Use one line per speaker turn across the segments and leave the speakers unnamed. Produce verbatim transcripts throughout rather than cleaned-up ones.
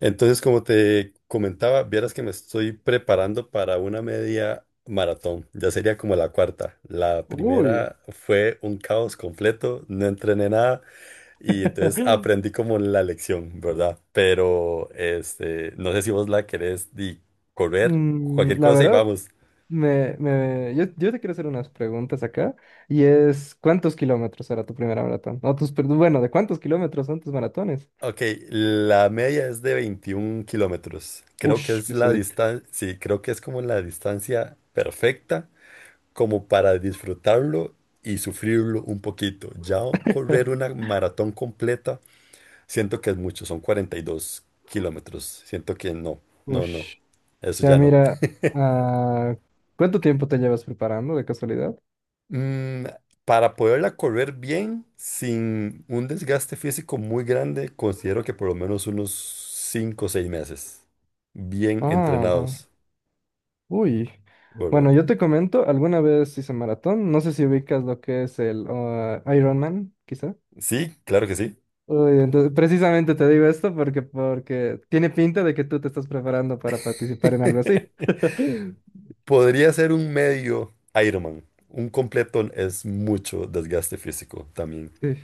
Entonces, como te comentaba, vieras que me estoy preparando para una media maratón. Ya sería como la cuarta. La
Uy.
primera fue un caos completo, no entrené nada y entonces aprendí como la lección, ¿verdad? Pero este, no sé si vos la querés di, correr, cualquier
Mm, la
cosa y
verdad,
vamos.
me, me- yo, yo te quiero hacer unas preguntas acá. Y es, ¿cuántos kilómetros era tu primera maratón? O tus, perdón, bueno, ¿de cuántos kilómetros son tus maratones?
Ok, la media es de veintiún kilómetros. Creo que
Ush,
es la
pesadito.
distancia, sí, creo que es como la distancia perfecta como para disfrutarlo y sufrirlo un poquito. Ya correr una maratón completa, siento que es mucho, son cuarenta y dos kilómetros. Siento que no, no, no,
Ush.
eso
Ya
ya no.
mira, ah, ¿cuánto tiempo te llevas preparando de casualidad?
Mm, para poderla correr bien, sin un desgaste físico muy grande, considero que por lo menos unos cinco o seis meses, bien
Ah, va.
entrenados.
Uy.
Bueno,
Bueno, yo te comento, alguna vez hice maratón. No sé si ubicas lo que es el Ironman, Ironman, quizá.
sí, claro que sí.
Uy, entonces, precisamente te digo esto porque, porque tiene pinta de que tú te estás preparando para participar en algo así.
Podría ser un medio Ironman. Un completo es mucho desgaste físico también.
Sí.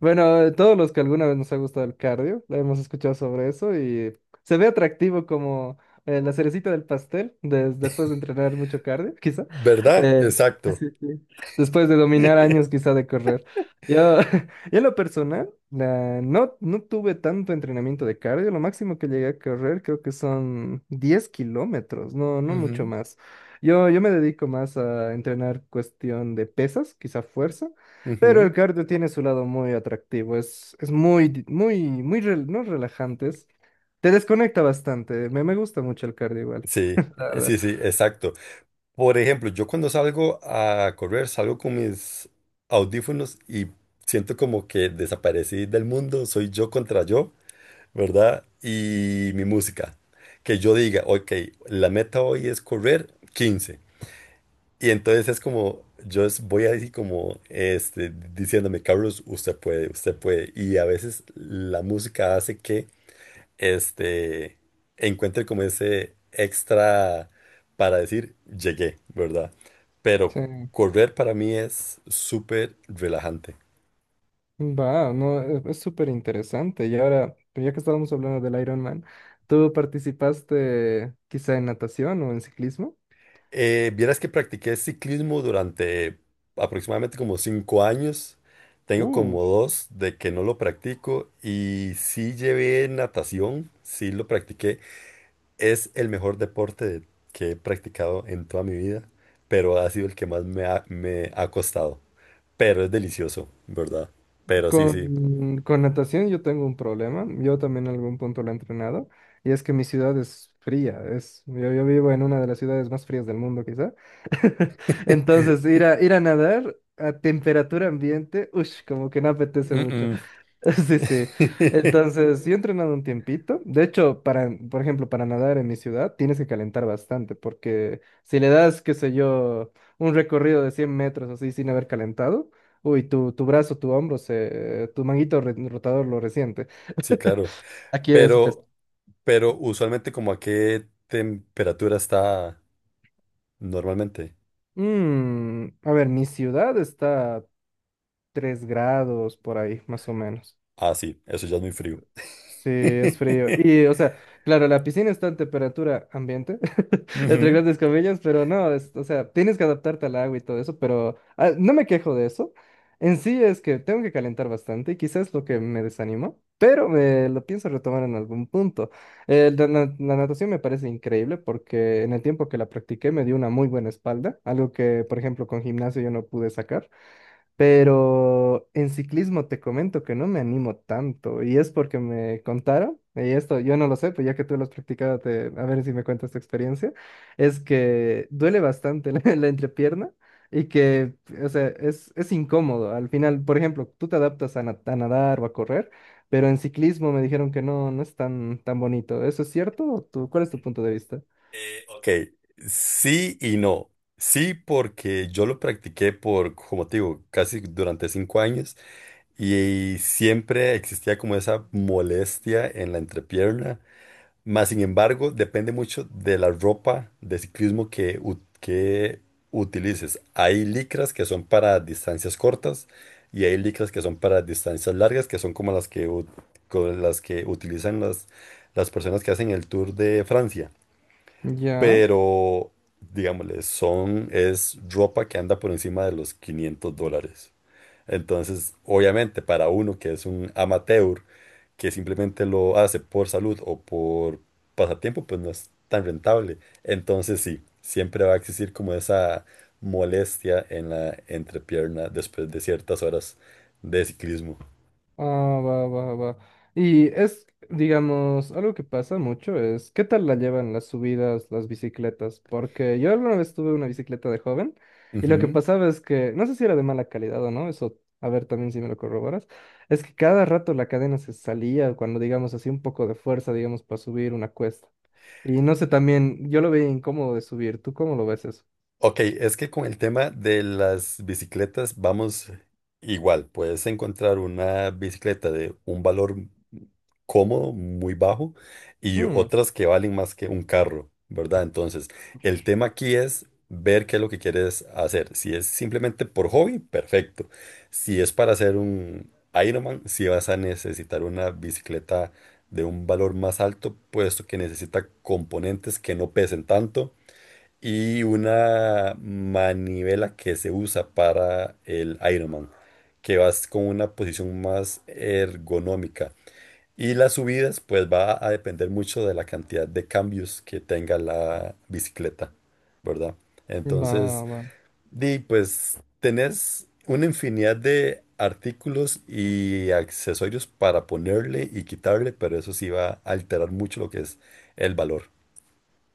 Bueno, todos los que alguna vez nos ha gustado el cardio, lo hemos escuchado sobre eso y se ve atractivo como eh, la cerecita del pastel des- después de entrenar mucho cardio, quizá.
¿Verdad?
Eh,
Exacto.
sí, sí. Después de dominar años quizá de correr. Yo, yo en lo personal, la- no, no tuve tanto entrenamiento de cardio. Lo máximo que llegué a correr creo que son diez kilómetros, no, no mucho
Ujú,
más. Yo, yo me dedico más a entrenar cuestión de pesas, quizá fuerza. Pero el
ujú.
cardio tiene su lado muy atractivo, es, es muy, muy, muy, rel- no relajantes. Te desconecta bastante, me, me gusta mucho el cardio igual,
Sí,
la verdad.
sí, sí, exacto. Por ejemplo, yo cuando salgo a correr, salgo con mis audífonos y siento como que desaparecí del mundo, soy yo contra yo, ¿verdad? Y mi música. Que yo diga, ok, la meta hoy es correr quince. Y entonces es como, yo es- voy así como este, diciéndome, Carlos, usted puede, usted puede. Y a veces la música hace que este, encuentre como ese extra para decir, llegué, ¿verdad? Pero
Sí,
correr para mí es súper relajante.
va, no, e- es súper interesante. Y ahora, ya que estábamos hablando del Ironman, ¿tú participaste quizá en natación o en ciclismo?
Eh, vieras que practiqué ciclismo durante aproximadamente como cinco años. Tengo
Uh,
como dos de que no lo practico y sí llevé natación, sí lo practiqué. Es el mejor deporte de- que he practicado en toda mi vida, pero ha sido el que más me ha, me ha costado. Pero es delicioso, ¿verdad? Pero sí, sí.
Con, con natación yo tengo un problema, yo también en algún punto lo he entrenado, y es que mi ciudad es fría, es, yo, yo vivo en una de las ciudades más frías del mundo quizá, entonces ir a, ir a nadar a temperatura ambiente, uff, como que no apetece mucho.
Mm, mm.
Sí, sí. Entonces, yo he entrenado un tiempito. De hecho, para, por ejemplo, para nadar en mi ciudad tienes que calentar bastante, porque si le das, qué sé yo, un recorrido de cien metros así sin haber calentado, uy, tu, tu brazo, tu hombro, se, tu manguito re- rotador lo resiente.
Sí, claro.
Aquí es... pues,
Pero, pero usualmente como a qué temperatura está normalmente.
mm, a ver, mi ciudad está a tres grados por ahí, más o menos.
Ah, sí, eso ya es muy frío.
Sí, es frío. Y, o sea, claro, la piscina está en temperatura ambiente, entre
Ujú.
grandes comillas, pero no, es- o sea, tienes que adaptarte al agua y todo eso, pero ah, no me quejo de eso. En sí es que tengo que calentar bastante y quizás es lo que me desanimó, pero me lo pienso retomar en algún punto. Eh, la, na- la natación me parece increíble porque en el tiempo que la practiqué me dio una muy buena espalda, algo que, por ejemplo, con gimnasio yo no pude sacar. Pero en ciclismo te comento que no me animo tanto y es porque me contaron, y esto yo no lo sé, pues ya que tú lo has practicado, te- a ver si me cuentas tu experiencia, es que duele bastante la, la entrepierna y que, o sea, es, es incómodo. Al final, por ejemplo, tú te adaptas a, na- a nadar o a correr, pero en ciclismo me dijeron que no, no es tan, tan bonito. ¿Eso es cierto? ¿O tú- cuál es tu punto de vista?
Eh, ok, sí y no. Sí, porque yo lo practiqué por, como te digo, casi durante cinco años y siempre existía como esa molestia en la entrepierna. Más sin embargo, depende mucho de la ropa de ciclismo que, u- que utilices. Hay licras que son para distancias cortas y hay licras que son para distancias largas, que son como las que, u- co- las que utilizan las, las personas que hacen el Tour de Francia,
Ya.
pero digámosle, son, es ropa que anda por encima de los quinientos dólares. Entonces, obviamente, para uno que es un amateur, que simplemente lo hace por salud o por pasatiempo, pues no es tan rentable. Entonces, sí, siempre va a existir como esa molestia en la entrepierna después de ciertas horas de ciclismo.
Ah, va, va, va. Y es, digamos, algo que pasa mucho es, ¿qué tal la llevan las subidas, las bicicletas? Porque yo alguna vez tuve una bicicleta de joven y lo que pasaba es que, no sé si era de mala calidad o no, eso, a ver también si me lo corroboras, es que cada rato la cadena se salía cuando, digamos, hacía un poco de fuerza, digamos, para subir una cuesta. Y no sé, también, yo lo veía incómodo de subir, ¿tú cómo lo ves eso?
Ok, es que con el tema de las bicicletas vamos igual. Puedes encontrar una bicicleta de un valor cómodo, muy bajo, y
Mm,
otras que valen más que un carro, ¿verdad? Entonces, el tema aquí es ver qué es lo que quieres hacer. Si es simplemente por hobby, perfecto. Si es para hacer un Ironman, si vas a necesitar una bicicleta de un valor más alto, puesto que necesita componentes que no pesen tanto y una manivela que se usa para el Ironman, que vas con una posición más ergonómica. Y las subidas, pues va a depender mucho de la cantidad de cambios que tenga la bicicleta, ¿verdad?
va,
Entonces,
va.
di, pues tenés una infinidad de artículos y accesorios para ponerle y quitarle, pero eso sí va a alterar mucho lo que es el valor.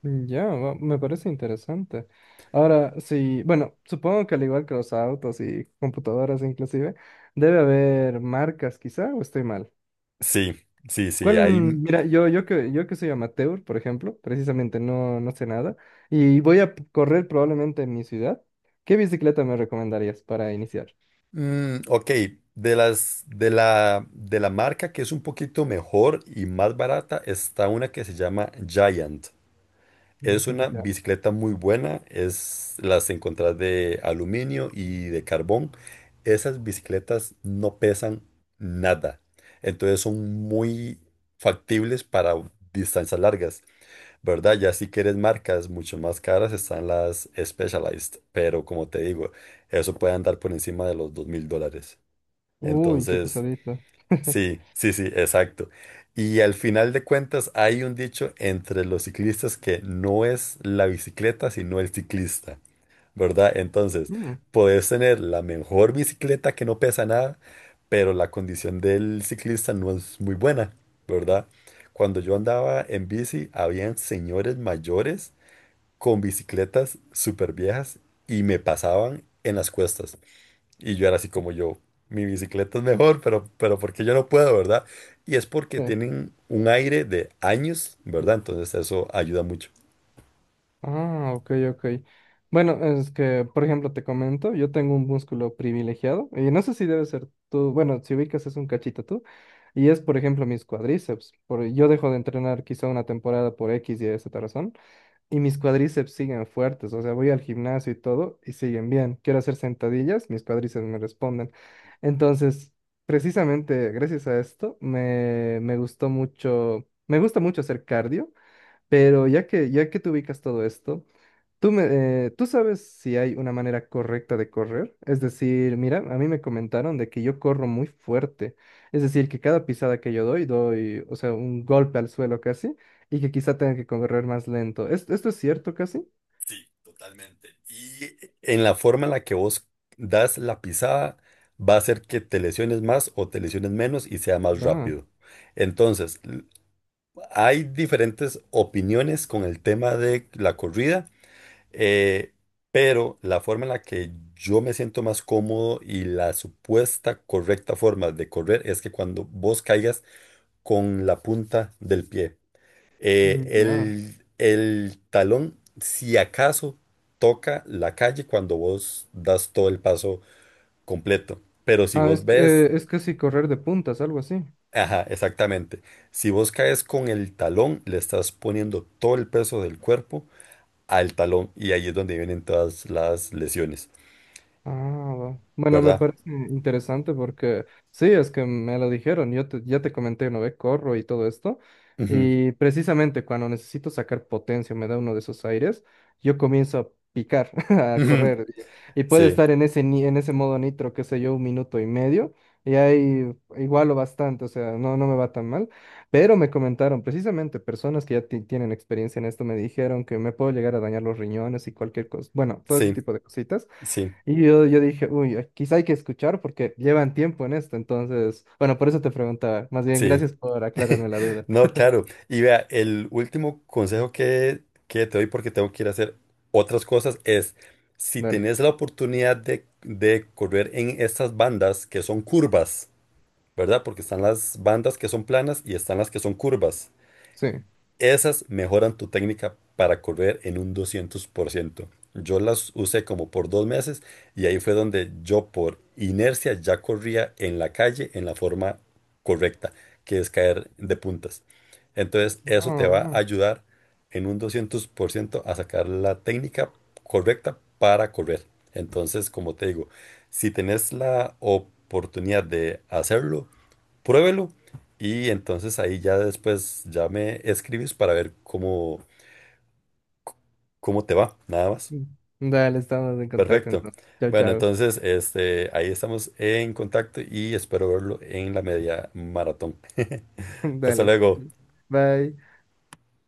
Mm, Ya, va- me parece interesante. Ahora, sí, bueno, supongo que al igual que los autos y computadoras inclusive, debe haber marcas quizá, o estoy mal.
Sí, sí, sí,
¿Cuál?
hay.
Mira, yo, yo que, yo que soy amateur, por ejemplo, precisamente no, no sé nada, y voy a p- correr probablemente en mi ciudad, ¿qué bicicleta me recomendarías para iniciar?
Mm, ok, de las de la de la marca que es un poquito mejor y más barata está una que se llama Giant. Es
Ujú.
una
Ya.
bicicleta muy buena, es las encontrás de aluminio y de carbón. Esas bicicletas no pesan nada. Entonces son muy factibles para distancias largas, ¿verdad? Ya si quieres marcas mucho más caras están las Specialized, pero como te digo, eso puede andar por encima de los dos mil dólares.
Uy, qué
Entonces,
pesadita.
sí, sí, sí, exacto. Y al final de cuentas hay un dicho entre los ciclistas que no es la bicicleta, sino el ciclista, ¿verdad? Entonces,
Mm.
puedes tener la mejor bicicleta que no pesa nada, pero la condición del ciclista no es muy buena, ¿verdad? Cuando yo andaba en bici, habían señores mayores con bicicletas súper viejas y me pasaban en las cuestas. Y yo era así como yo, mi bicicleta es mejor, pero, pero porque yo no puedo, ¿verdad? Y es porque
Sí.
tienen un aire de años, ¿verdad? Entonces eso ayuda mucho.
Ah, ok, ok. Bueno, es que, por ejemplo, te comento, yo tengo un músculo privilegiado, y no sé si debe ser tú, bueno, si ubicas es un cachito tú, y es, por ejemplo, mis cuádriceps. Por, yo dejo de entrenar quizá una temporada por X y esa razón, y mis cuádriceps siguen fuertes, o sea, voy al gimnasio y todo, y siguen bien. Quiero hacer sentadillas, mis cuádriceps me responden. Entonces, precisamente gracias a esto, me, me gustó mucho, me gusta mucho hacer cardio. Pero ya que, ya que tú ubicas todo esto, Tú, me, eh, ¿tú sabes si hay una manera correcta de correr? Es decir, mira, a mí me comentaron de que yo corro muy fuerte. Es decir, que cada pisada que yo doy, doy, o sea, un golpe al suelo casi, y que quizá tenga que correr más lento. ¿Es- ¿Esto es cierto casi?
Sí, totalmente. Y en la forma en la que vos das la pisada, va a hacer que te lesiones más o te lesiones menos y sea más
Va.
rápido. Entonces, hay diferentes opiniones con el tema de la corrida. Eh, pero la forma en la que yo me siento más cómodo y la supuesta correcta forma de correr es que cuando vos caigas con la punta del pie,
mm,
Eh,
Ya.
el, el talón, si acaso, toca la calle cuando vos das todo el paso completo. Pero si
Ah,
vos
es, que,
ves,
eh, es casi correr de puntas, algo así.
ajá, exactamente, si vos caes con el talón, le estás poniendo todo el peso del cuerpo al talón y ahí es donde vienen todas las lesiones,
Ah, va. Bueno, me
¿verdad?
parece interesante porque sí, es que me lo dijeron, yo te- ya te comenté una vez, corro y todo esto,
Ujú,
y precisamente cuando necesito sacar potencia, me da uno de esos aires, yo comienzo a picar, a
ujú.
correr, y, y puede
Sí,
estar en ese, ni- en ese modo nitro, qué sé yo, un minuto y medio, y ahí igualo bastante, o sea, no, no me va tan mal, pero me comentaron, precisamente personas que ya ti- tienen experiencia en esto, me dijeron que me puedo llegar a dañar los riñones y cualquier cosa, bueno, todo ese
sí,
tipo de cositas.
sí,
Y yo, yo dije, uy, eh, quizá hay que escuchar porque llevan tiempo en esto, entonces, bueno, por eso te preguntaba. Más bien,
sí.
gracias por aclararme la duda.
No, claro. Y vea, el último consejo que, que te doy porque tengo que ir a hacer otras cosas es, si
Dale.
tenés la oportunidad de, de correr en estas bandas que son curvas, ¿verdad? Porque están las bandas que son planas y están las que son curvas.
Sí.
Esas mejoran tu técnica para correr en un doscientos por ciento. Yo las usé como por dos meses y ahí fue donde yo por inercia ya corría en la calle en la forma correcta, que es caer de puntas. Entonces eso te
No,
va a
no.
ayudar en un doscientos por ciento a sacar la técnica correcta para correr. Entonces, como te digo, si tenés la oportunidad de hacerlo, pruébelo y entonces ahí ya después ya me escribes para ver cómo, cómo te va, nada más.
Dale, estamos en contacto
Perfecto.
entonces. Chao,
Bueno,
chao.
entonces este, ahí estamos en contacto y espero verlo en la media maratón. Hasta
Dale.
luego.
Bye.